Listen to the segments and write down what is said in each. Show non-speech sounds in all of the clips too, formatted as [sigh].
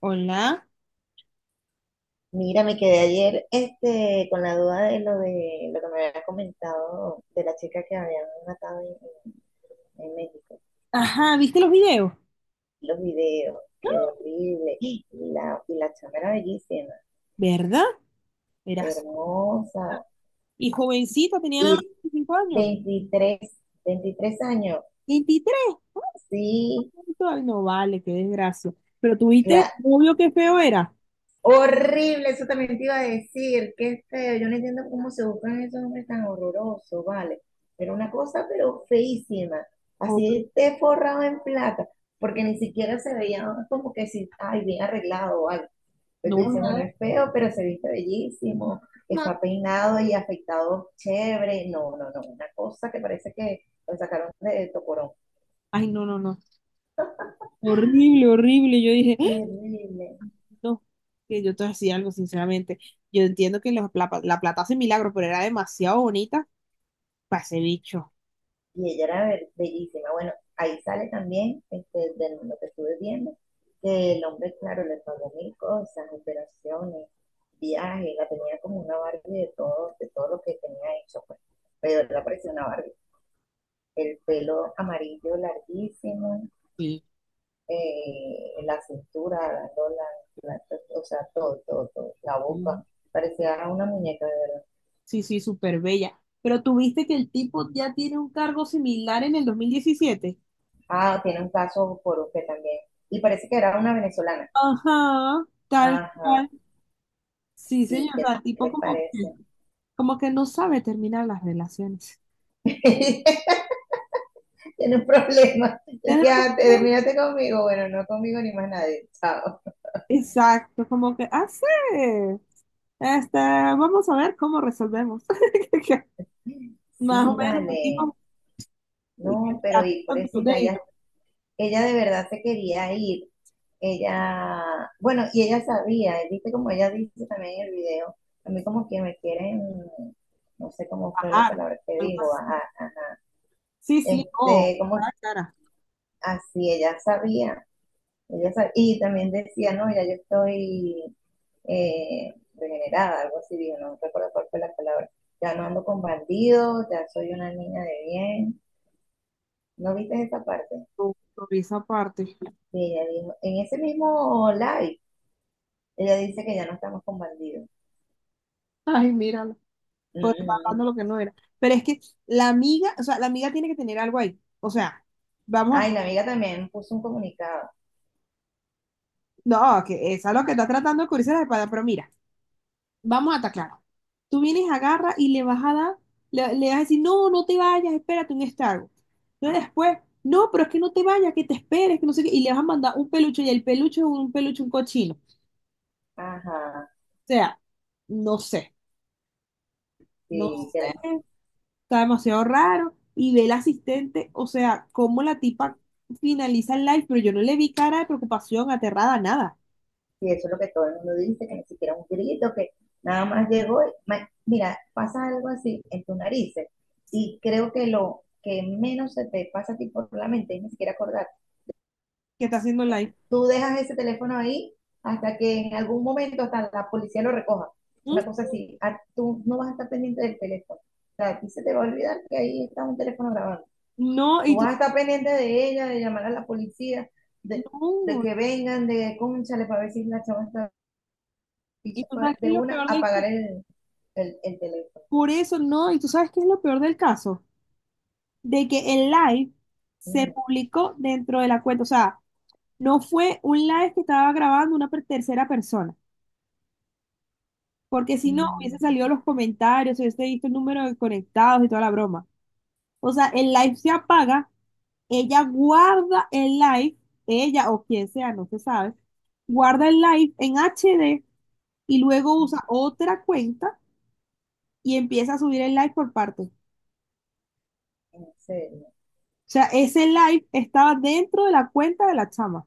Hola, Mira, me quedé ayer con la duda de lo que me había comentado de la chica que habían matado en- en México. Ajá, ¿viste los videos? Los videos, qué ¡Ah! horrible. Y la chama era bellísima, ¿Verdad? Verás. hermosa. Y jovencita, tenía nada más Y 25 años. 23, 23 años, 23. sí, Ay, no vale, qué desgracia. Pero tuviste claro. novio, qué feo era. Horrible, eso también te iba a decir, qué feo. Yo no entiendo cómo se buscan esos hombres tan horrorosos, vale. Era una cosa, pero feísima. Hor- Así te forrado en plata, porque ni siquiera se veía como que si, ay, bien arreglado o algo. Pero tú no, dices, bueno, nada. es feo, pero se viste bellísimo, No. está peinado y afeitado chévere. No, no, no, una cosa que parece que lo sacaron de Tocorón. Ay, no, no, no. Horrible, horrible. Yo dije, ¡Ah! Terrible. No, que yo te decía algo, sinceramente. Yo entiendo que la plata hace milagros, pero era demasiado bonita para ese bicho. Y ella era bellísima. Bueno, ahí sale también de lo que estuve viendo, que el hombre, claro, le pagó mil cosas, operaciones, viajes, la tenía como una Barbie de todo lo que tenía hecho, pues. Pero la parecía una Barbie. El pelo amarillo larguísimo, Sí. La cintura, o sea, todo, todo, todo, la boca. Parecía una muñeca, de verdad. Sí, sí, súper bella. Pero tuviste que el tipo ya tiene un cargo similar en el 2017. Ah, tiene un caso por usted también. Y parece que era una venezolana. Ajá, tal Ajá, cual. Sí, sí, señor. O ¿qué sea, tipo te como que, parece? como que no sabe terminar las relaciones. [laughs] Tiene un problema. Y Tiene quédate, razón. Conmigo. Bueno, no conmigo ni más nadie. Chao. Exacto, como que ah sí. Vamos a ver cómo resolvemos. [laughs] Más o Sí, menos, un vale. tipo que No, pero está y tratando pobrecita, de ella de verdad se quería ir. Ella, bueno, y ella sabía, viste como ella dice también en el video, a mí como que me quieren, no sé cómo fue la bajar. palabra que Algo dijo, así. ajá, ajá. Sí, sí, no. Como Ah, cara, así, ella sabía. Y también decía, no, ya yo estoy regenerada, algo así, digo no recuerdo cuál fue la palabra. Ya no ando con bandidos, ya soy una niña de bien. ¿No viste esa parte? con esa parte. Y ella dijo, en ese mismo live, ella dice que ya no estamos con bandidos. Ay, míralo. Mm, Por estar mm. Mm. hablando lo que no era. Pero es que la amiga, o sea, la amiga tiene que tener algo ahí. O sea, vamos a. Ay, la amiga también puso un comunicado. No, que esa es lo que está tratando de cubrirse la espalda, pero mira, vamos a estar claro. Tú vienes, agarra y le vas a dar, le vas a decir, no, no te vayas, espérate un Starbucks. Entonces después, no, pero es que no te vayas, que te esperes, que no sé qué, y le vas a mandar un peluche y el peluche es un peluche, un cochino. O Ajá, sea, no sé, no sí, que. sé, está demasiado raro. Y ve el asistente, o sea, cómo la tipa finaliza el live, pero yo no le vi cara de preocupación, aterrada, nada. Y eso es lo que todo el mundo dice, que ni siquiera un grito, que nada más llegó. Mira, pasa algo así en tus narices y creo que lo que menos se te pasa a ti por la mente es ni siquiera acordar. ¿Qué está haciendo el live? Tú dejas ese teléfono ahí hasta que en algún momento hasta la policía lo recoja. ¿Mm? Una cosa así. Ah, tú no vas a estar pendiente del teléfono. O sea, a ti se te va a olvidar que ahí está un teléfono grabando. No, Tú y tú, vas a estar pendiente de ella, de llamar a la policía, de, de no, que vengan, de cónchale para ver si la chama está y y se tú fue sabes qué de es lo una peor a del apagar caso. el, el teléfono. Por eso, no, y tú sabes qué es lo peor del caso. De que el live se publicó dentro de la cuenta, o sea, no fue un live que estaba grabando una tercera persona, porque si no hubiese Mm. salido los comentarios, hubiese visto el número de conectados y toda la broma. O sea, el live se apaga. Ella guarda el live, ella o quien sea, no se sabe, guarda el live en HD y luego usa otra cuenta y empieza a subir el live por parte. O En serio. sea, ese live estaba dentro de la cuenta de la chama.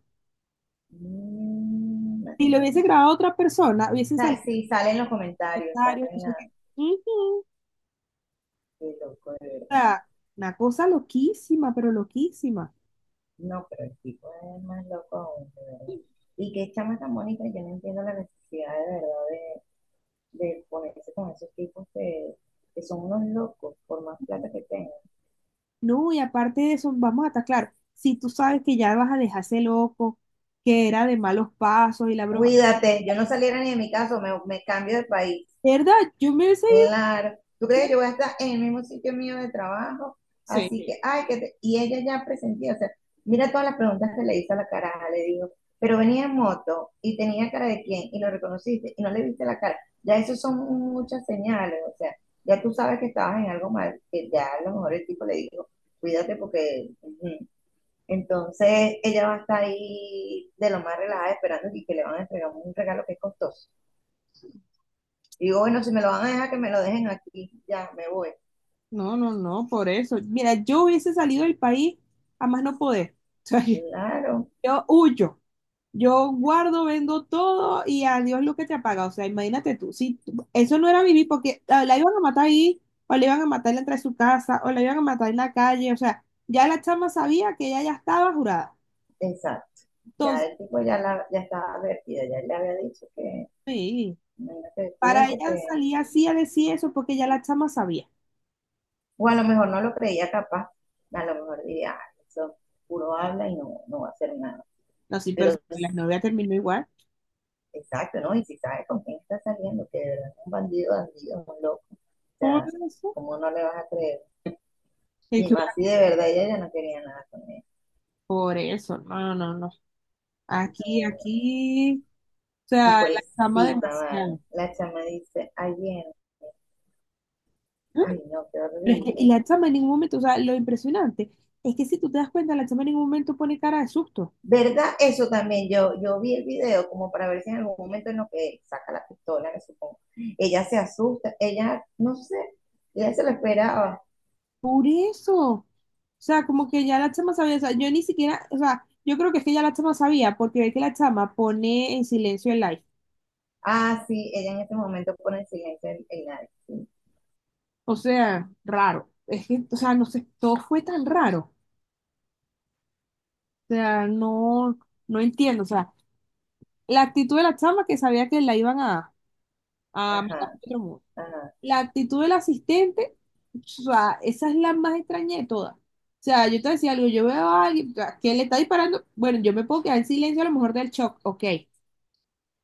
Mm, Si lo imagínate. hubiese grabado otra persona, hubiese salido Sí, salen los comentarios, comentarios. No salen sé la. qué. Ujú. O Qué loco, de verdad. sea, una cosa loquísima, pero loquísima. No, pero el tipo es más loco aún, de verdad. Y qué chama tan bonita, yo no entiendo la necesidad de verdad de ponerse con esos tipos que son unos locos, por más plata que tengan. No, y aparte de eso, vamos a estar claro, si tú sabes que ya vas a dejarse loco, que era de malos pasos y la broma. Cuídate, yo no saliera ni de mi casa, me cambio de país. ¿Verdad? Yo me hubiese ido. Claro, tú crees que yo voy a estar en el mismo sitio mío de trabajo, Sí. así que, ay, y ella ya presentía, o sea, mira todas las preguntas que le hizo a la cara, le digo, pero venía en moto y tenía cara de quién y lo reconociste y no le viste la cara, ya eso son muchas señales, o sea, ya tú sabes que estabas en algo mal, que ya a lo mejor el tipo le dijo, cuídate porque, ujú. Entonces ella va a estar ahí de lo más relajada esperando y que le van a entregar un regalo que es costoso. Digo, bueno, si me lo van a dejar, que me lo dejen aquí, ya me voy. No, no, no, por eso. Mira, yo hubiese salido del país a más no poder. [laughs] O sea, Claro, yo huyo. Yo guardo, vendo todo y adiós lo que te apaga. O sea, imagínate tú. Eso no era vivir porque ah, la iban a matar ahí, o la iban a matar dentro de su casa, o la iban a matar en la calle. O sea, ya la chama sabía que ella ya estaba jurada. exacto. Ya Entonces, el tipo ya, la, ya estaba advertida, ya él le había dicho que, sí, imagínate, para cuídate ella que. salía así a decir eso porque ya la chama sabía. O a lo mejor no lo creía capaz, a lo mejor diría, "Ah, eso puro habla y no, no va a hacer nada". No, sí, pero Pero, la pues, novia terminó igual. exacto, ¿no? Y si sabe con quién está saliendo, que de verdad es un bandido, bandido, un loco, o Por sea, eso. ¿cómo no le vas a creer? Y más si de verdad ella ya no quería nada con él. Por eso, no, no, no. Aquí, aquí, o Y sea, por la eso, chama vale. demasiado. La chama dice, ayer, ¿Mm? ay, no, qué Pero es que, y horrible. la chama en ningún momento, o sea, lo impresionante es que si tú te das cuenta, la chama en ningún momento pone cara de susto. ¿Verdad? Eso también, yo vi el video como para ver si en algún momento en lo que saca la pistola, me supongo. Ella se asusta, ella, no sé, ella se lo esperaba. Por eso. O sea, como que ya la chama sabía, o sea, yo ni siquiera, o sea, yo creo que es que ya la chama sabía, porque ve que la chama pone en silencio el live. Ah, ah, sí, ella en ese momento pone silencio en, sí. O sea, raro. Es que, o sea, no sé, todo fue tan raro. O sea, no, no entiendo. O sea, la actitud de la chama que sabía que la iban a Ah, me por Ajá, otro mundo. ajá. La actitud del asistente, o sea, esa es la más extraña de todas. O sea, yo te decía algo, yo veo a alguien a que le está disparando, bueno, yo me puedo quedar en silencio a lo mejor del shock, ok,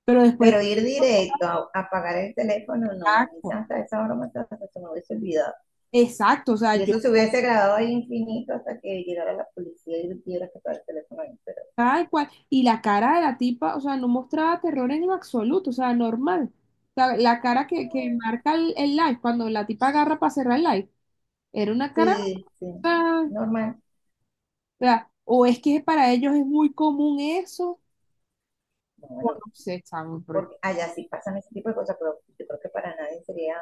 pero después, Pero ir directo a apagar el teléfono, no, a mí exacto, hasta esa broma hasta se me hubiese olvidado. exacto, o sea, Y yo eso se hubiese grabado ahí infinito hasta que llegara la policía y tuviera que apagar el teléfono ahí, pero tal cual, y la cara de la tipa, o sea, no mostraba terror en lo absoluto, o sea, normal. O sea, la cara que no. marca el live, cuando la tipa agarra para cerrar el live, era una cara, Sí, o sí, sea, normal. O es que para ellos es muy común eso. No, O bueno, no sé, examen, porque allá sí pasan ese tipo de cosas, pero yo creo que para nadie sería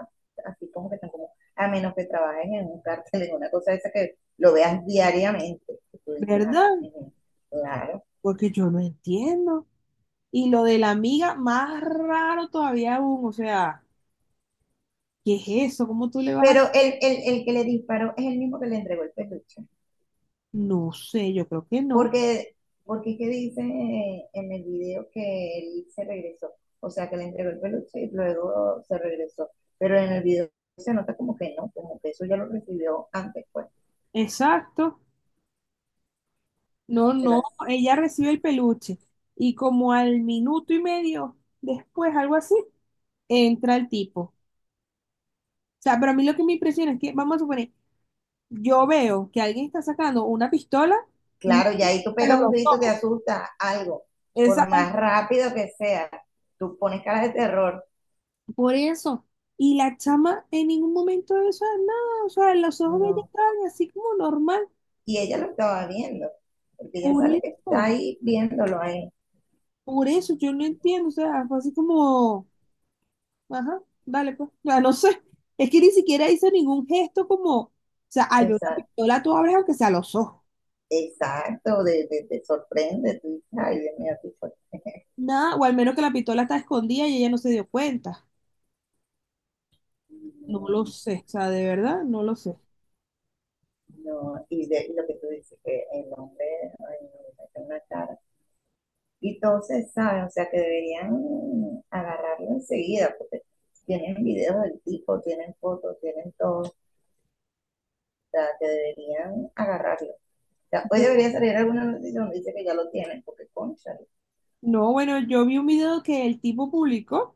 así como que tan común, a menos que trabajes en un cártel, en una cosa de esa que lo veas diariamente, que tú dices, ah, ¿verdad? ujú, claro. Porque yo no entiendo. Y lo de la amiga, más raro todavía aún, o sea, ¿qué es eso? ¿Cómo tú le vas a...? Pero el que le disparó es el mismo que le entregó el peluche, No sé, yo creo que no. porque, porque es que dice en el video que él se regresó, o sea, que le entregó el peluche y luego se regresó, pero en el video se nota como que no, como que eso ya lo recibió antes, pues, Exacto. No, pero no, así. ella recibe el peluche. Y como al minuto y medio después, algo así, entra el tipo. O sea, pero a mí lo que me impresiona es que, vamos a suponer, yo veo que alguien está sacando una pistola, y Claro, y ahí tú pero pegas un los dos, grito, te asusta algo, esa- por más rápido que sea, tú pones caras de terror, Por eso. Y la chama en ningún momento de eso, nada, o sea, los ojos de ella no. estaban así como normal. Y ella lo estaba viendo, porque ella Por sale que está eso, ahí viéndolo ahí. por eso, yo no entiendo, o sea, fue así como, ajá, vale, pues, ya no sé. Es que ni siquiera hizo ningún gesto como, o sea, al ver una Exacto, pistola tú abres aunque sea los ojos. exacto de sorprende, tú dices, ay, Dios mío, qué fuerte. Nada, o al menos que la pistola está escondida y ella no se dio cuenta. No lo sé, o sea, de verdad, no lo sé. No, y, y lo que tú dices, que el hombre, ay, no, tiene una cara. Y entonces, ¿sabes? O sea, que deberían agarrarlo enseguida, porque tienen videos del tipo, tienen fotos, tienen todo. Sea, que deberían agarrarlo. O sea, hoy debería salir alguna noticia donde dice que ya lo tienen, porque concha. No, bueno, yo vi un video que el tipo publicó.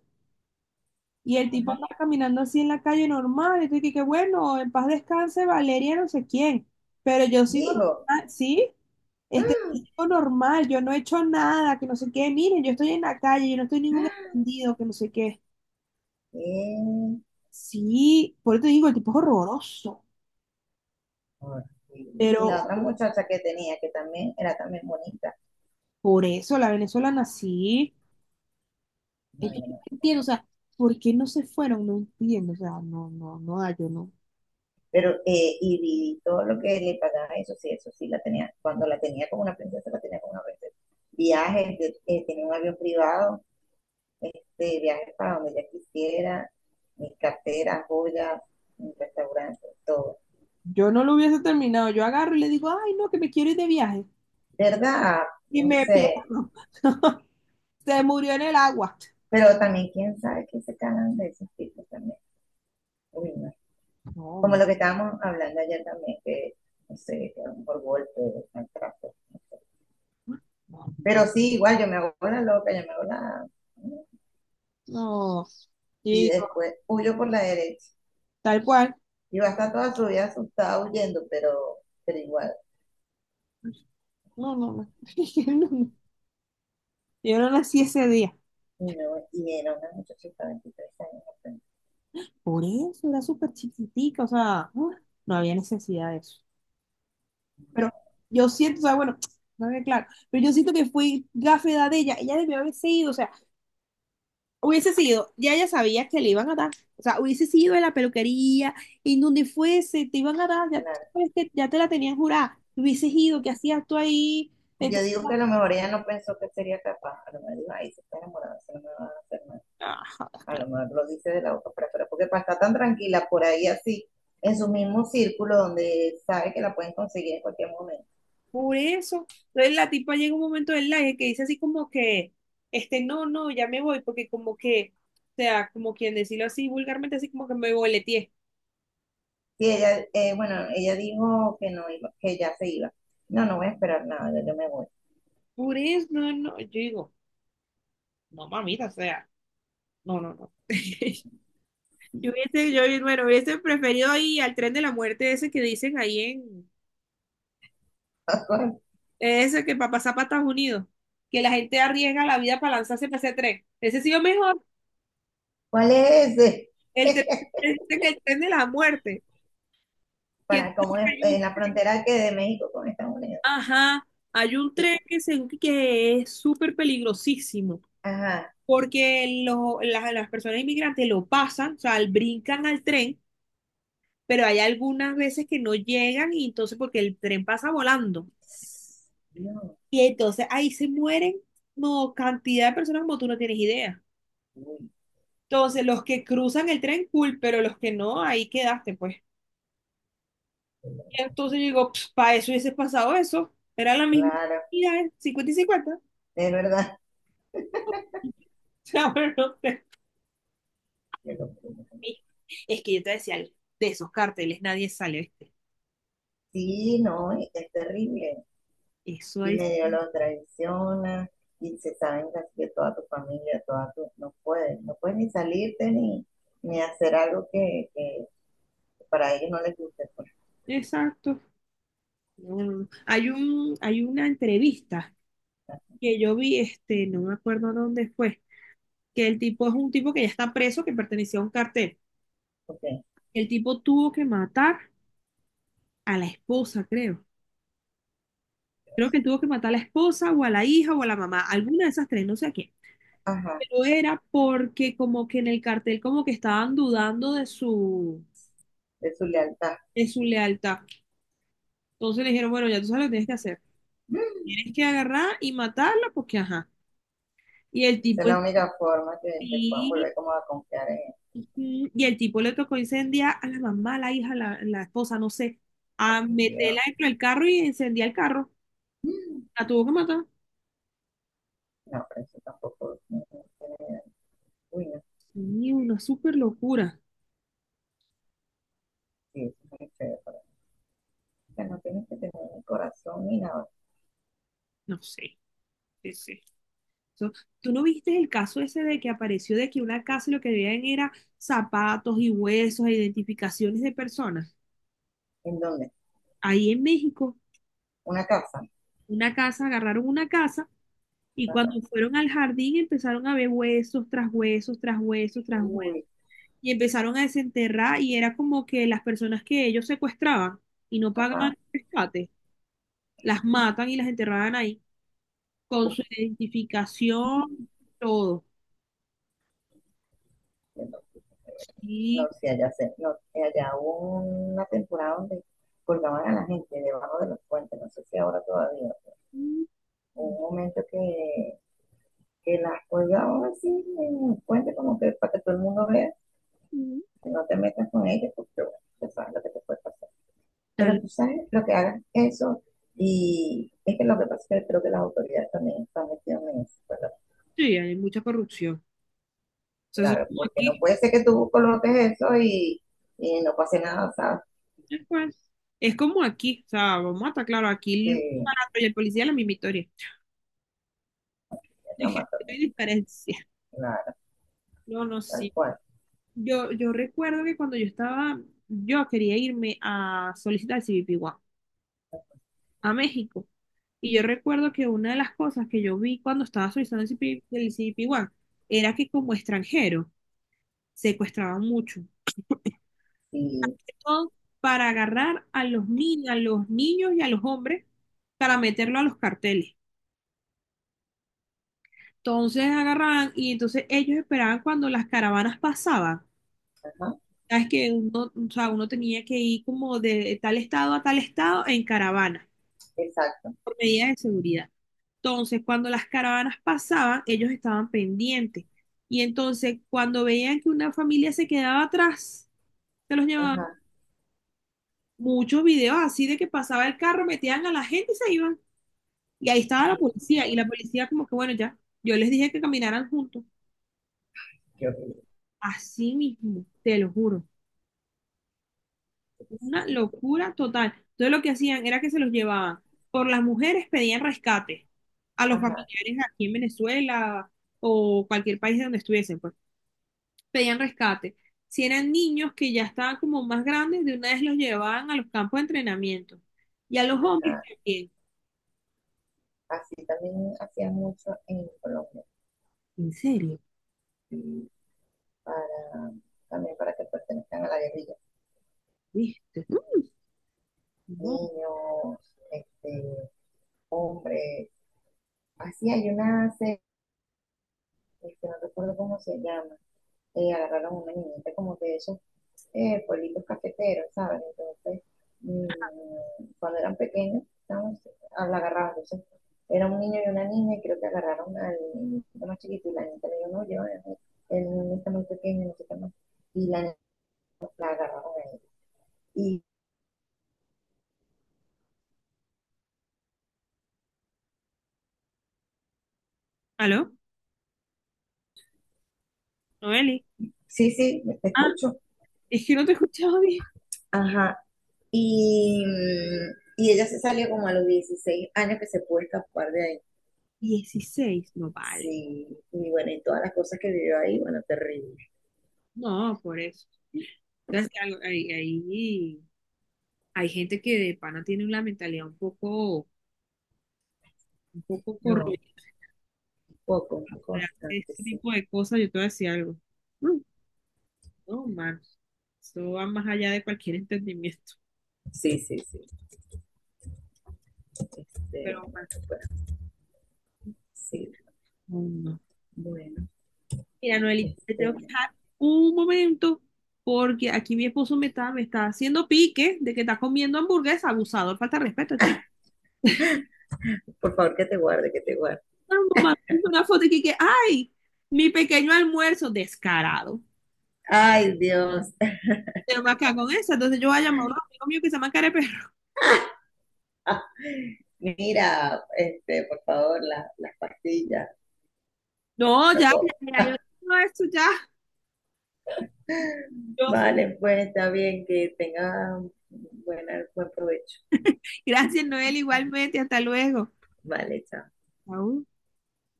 Y el tipo Ajá. anda caminando así en la calle normal. Y tú dices que bueno, en paz descanse Valeria, no sé quién. Pero yo sigo Digo, normal, sí, yo ¡ah! sigo normal, yo no he hecho nada, que no sé qué. Miren, yo estoy en la calle, yo no estoy en ¡Ah! ningún escondido, que no sé qué. ¡Qué Sí, por eso te digo, el tipo es horroroso. horrible! Y Pero la otra muchacha que tenía, que también era también bonita, por eso la venezolana sí. no, Es que no, yo no. no entiendo, o sea, ¿por qué no se fueron? No entiendo, o sea, no, no, no, da, yo no. Pero vi todo lo que le pagaba, eso sí la tenía, cuando la tenía como una princesa, la tenía como una princesa. Viajes, tenía un avión privado, viajes para donde ella quisiera, mis carteras, joyas, mis restaurantes, todo. Yo no lo hubiese terminado. Yo agarro y le digo, ay, no, que me quiero ir de viaje. ¿Verdad? Y No me sé, pierdo. [laughs] Se murió en el agua. pero también quién sabe que se cagan de esos tipos también. Uy, no. Como No, lo que estábamos hablando ayer también, que no sé, que a lo mejor golpe, maltrato. No sé. no, no. Pero sí, igual yo me hago la loca, yo me hago la. No. Y Y después huyo por la derecha. tal cual. Y va a estar toda su vida asustada huyendo, pero igual. No, no, no. [laughs] Yo no yo no nací ese día. Y, no, y era una muchachita de 23 años apenas. Por eso era súper chiquitica, o sea, ¡ah! No había necesidad de eso. Pero yo siento, o sea, bueno, [tsk] no había claro, pero yo siento que fui gafe de edad de ella, ella debió haberse ido, o sea, hubiese sido, ya ella sabía que le iban a dar. O sea, hubiese sido en la peluquería, y en donde fuese, te iban a dar, ya, tú Claro. sabes que ya te la tenían jurada. Hubieses ido, ¿qué hacías tú ahí? Yo Entonces, digo que no, a lo mejor ella no pensó que sería capaz. A lo mejor dijo, ay, se está enamorada, se no me va a hacer nada. ah, jodas, A claro. lo mejor lo dice de la boca para afuera, porque para estar tan tranquila por ahí así, en su mismo círculo donde sabe que la pueden conseguir en cualquier momento. Por eso, entonces la tipa llega un momento del live que dice así como que, no, no, ya me voy, porque como que, o sea, como quien decirlo así vulgarmente, así como que me boleteé. Sí, ella, bueno, ella dijo que no iba, que ya se iba. No, no voy a esperar nada, ya yo me voy. Por eso, no, no, yo digo, no, mamita, o sea, no, no, no. [laughs] Yo hubiese, yo, bueno, hubiese preferido ir al tren de la muerte ese que dicen ahí en, ese que para pasar para Estados Unidos, que la gente arriesga la vida para lanzarse para ese tren. Ese ha sido mejor, ¿Cuál es ese? el tren, [laughs] dicen el tren de la muerte, que Para entonces como en hay un- la frontera que de México con Estados Unidos. ajá, hay un Y, tren que, que es súper peligrosísimo, ajá. porque las personas inmigrantes lo pasan, o sea, brincan al tren, pero hay algunas veces que no llegan y entonces porque el tren pasa volando. Dios, Y entonces ahí se mueren no, cantidad de personas como tú no tienes idea. uy, Entonces, los que cruzan el tren, cool, pero los que no, ahí quedaste, pues. Y entonces yo digo, para eso hubiese pasado eso. Era la misma claro, cantidad, 50 y cincuenta. [laughs] O es verdad. sea, pero no sé. Es que yo te decía algo, de esos carteles nadie sale, ¿viste? Sí, no, es terrible. Eso Y es. medio lo traiciona y se saben casi que toda tu familia, toda tu, no puedes, no puedes ni salirte ni hacer algo que para ellos no les guste, pues, Exacto. No, no, no. Hay una entrevista que yo vi, no me acuerdo dónde fue, que el tipo es un tipo que ya está preso, que pertenecía a un cartel. porque, El tipo tuvo que matar a la esposa, creo. Creo que tuvo que matar a la esposa o a la hija o a la mamá, alguna de esas tres, no sé a quién. ajá, Pero era porque como que en el cartel como que estaban dudando de su, de su lealtad. de su lealtad. Entonces le dijeron, bueno, ya tú sabes lo que tienes que hacer. Mm. Tienes que agarrar y matarla porque ajá. Y el Esa es tipo la única forma que puedan sí, volver como a confiar en ellos. ujú, y el tipo le tocó incendiar a la mamá, a la hija, a la esposa, no sé, a Ay, Dios. meterla dentro del carro y incendiar el carro. Mm. La tuvo que matar. No, pero eso tampoco no, no tiene- Uy, no, Sí, una súper locura. sí, eso es muy feo, pero, no tienes que tener un corazón ni nada. No sé, ese. Eso- ¿Tú no viste el caso ese de que apareció de que una casa y lo que veían era zapatos y huesos e identificaciones de personas? ¿En dónde? Ahí en México, Una casa. una casa, agarraron una casa y Ajá. cuando fueron al jardín empezaron a ver huesos tras huesos, tras huesos, tras huesos Uy, y empezaron a desenterrar y era como que las personas que ellos secuestraban y no pagaban ajá. el rescate, las matan y las enterraban ahí con Uy, su identificación, todo. no, Sí. sí, allá, se, no, allá hubo una temporada donde colgaban a la gente debajo de los puentes, no sé si ahora todavía. Hubo un momento que las colgaban así en el puente, como que para que todo el mundo vea, que no te metas con ellas, porque bueno, ya sabes lo que te puede pasar. Tal- Pero tú sabes lo que hagan eso, y es que lo que pasa es que creo que las autoridades también están metidas en eso, ¿verdad? sí, hay mucha corrupción. O sea, eso es Claro, como porque no aquí, puede ser que tú coloques eso y no pase nada, ¿sabes? pues, es como aquí, o sea, vamos a estar claro, aquí el Sí, barato y el policía es la misma historia. es la [laughs] más No también, hay diferencia. claro, No, no, tal sí. cual. Yo recuerdo que cuando yo estaba, yo quería irme a solicitar el CBP1 a México. Y yo recuerdo que una de las cosas que yo vi cuando estaba solicitando el CBP1 era que como extranjero secuestraban mucho. Sí, Son para agarrar a los, a los niños y a los hombres para meterlo a los carteles. Entonces agarraban y entonces ellos esperaban cuando las caravanas pasaban. ajá, Sabes que uno, o sea, uno tenía que ir como de tal estado a tal estado en caravana exacto, por medidas de seguridad. Entonces, cuando las caravanas pasaban, ellos estaban pendientes. Y entonces, cuando veían que una familia se quedaba atrás, se los ajá. llevaban. Muchos videos así de que pasaba el carro, metían a la gente y se iban. Y ahí estaba la Ay, no, policía, y la policía como que, bueno, ya, yo les dije que caminaran juntos, qué horrible, así mismo, te lo juro, qué una tristeza. locura total. Entonces lo que hacían era que se los llevaban, por las mujeres pedían rescate a los Ajá, familiares aquí en Venezuela o cualquier país de donde estuviesen, pues, pedían rescate. Si eran niños que ya estaban como más grandes, de una vez los llevaban a los campos de entrenamiento. Y a los hombres ajá. también. Así también hacían mucho en Colombia, ¿En serio? sí, para, también para que pertenezcan a la guerrilla. ¿Viste? No. Niños, este, hombres. Así hay una serie, que no recuerdo cómo se llama, agarraron una niñita como que de esos pueblitos cafeteros, ¿sabes? Entonces, cuando eran pequeños, ¿sabes? La agarraban, entonces, era un niño y una niña, y creo que agarraron al niñito más chiquito, y la niña le dijo, no, yo, el niño está muy pequeño, no sé qué más, y la niña la agarraron a ella. Y, ¿Aló? Noeli. sí, sí, te Ah, escucho, es que no te escuchaba bien. ajá, y, y ella se salió como a los 16 años que se pudo escapar de ahí. 16 no vale. Sí, y bueno, y todas las cosas que vivió ahí, bueno, terrible. No, por eso. Entonces, que algo- hay gente que de pana tiene una mentalidad un poco corroída No, poco, un poco de hacer bastante, este sí. tipo de cosas. Yo te voy a decir algo. No, no, man. Esto va más allá de cualquier entendimiento. Sí, sí, sí. Pero, man, Bueno, pues, sí, no, no. bueno. Mira, Noelita, te tengo que Este, dejar un momento porque aquí mi esposo me está haciendo pique de que está comiendo hamburguesa. Abusador, falta de respeto, chico. por favor, que te guarde, que te guarde. Mamá, una foto y ay, mi pequeño almuerzo, descarado. Ay, Dios. Pero me acá con esa, entonces yo voy a llamar a un amigo mío que se llama Careperro. [laughs] [laughs] Mira, por favor, las pastillas, No, ya, loco. ya, ya, yo no, esto ya. Yo- Vale, pues está bien, que tenga buena, buen provecho. Gracias, Noel, igualmente, hasta luego. Vale, chao. Au.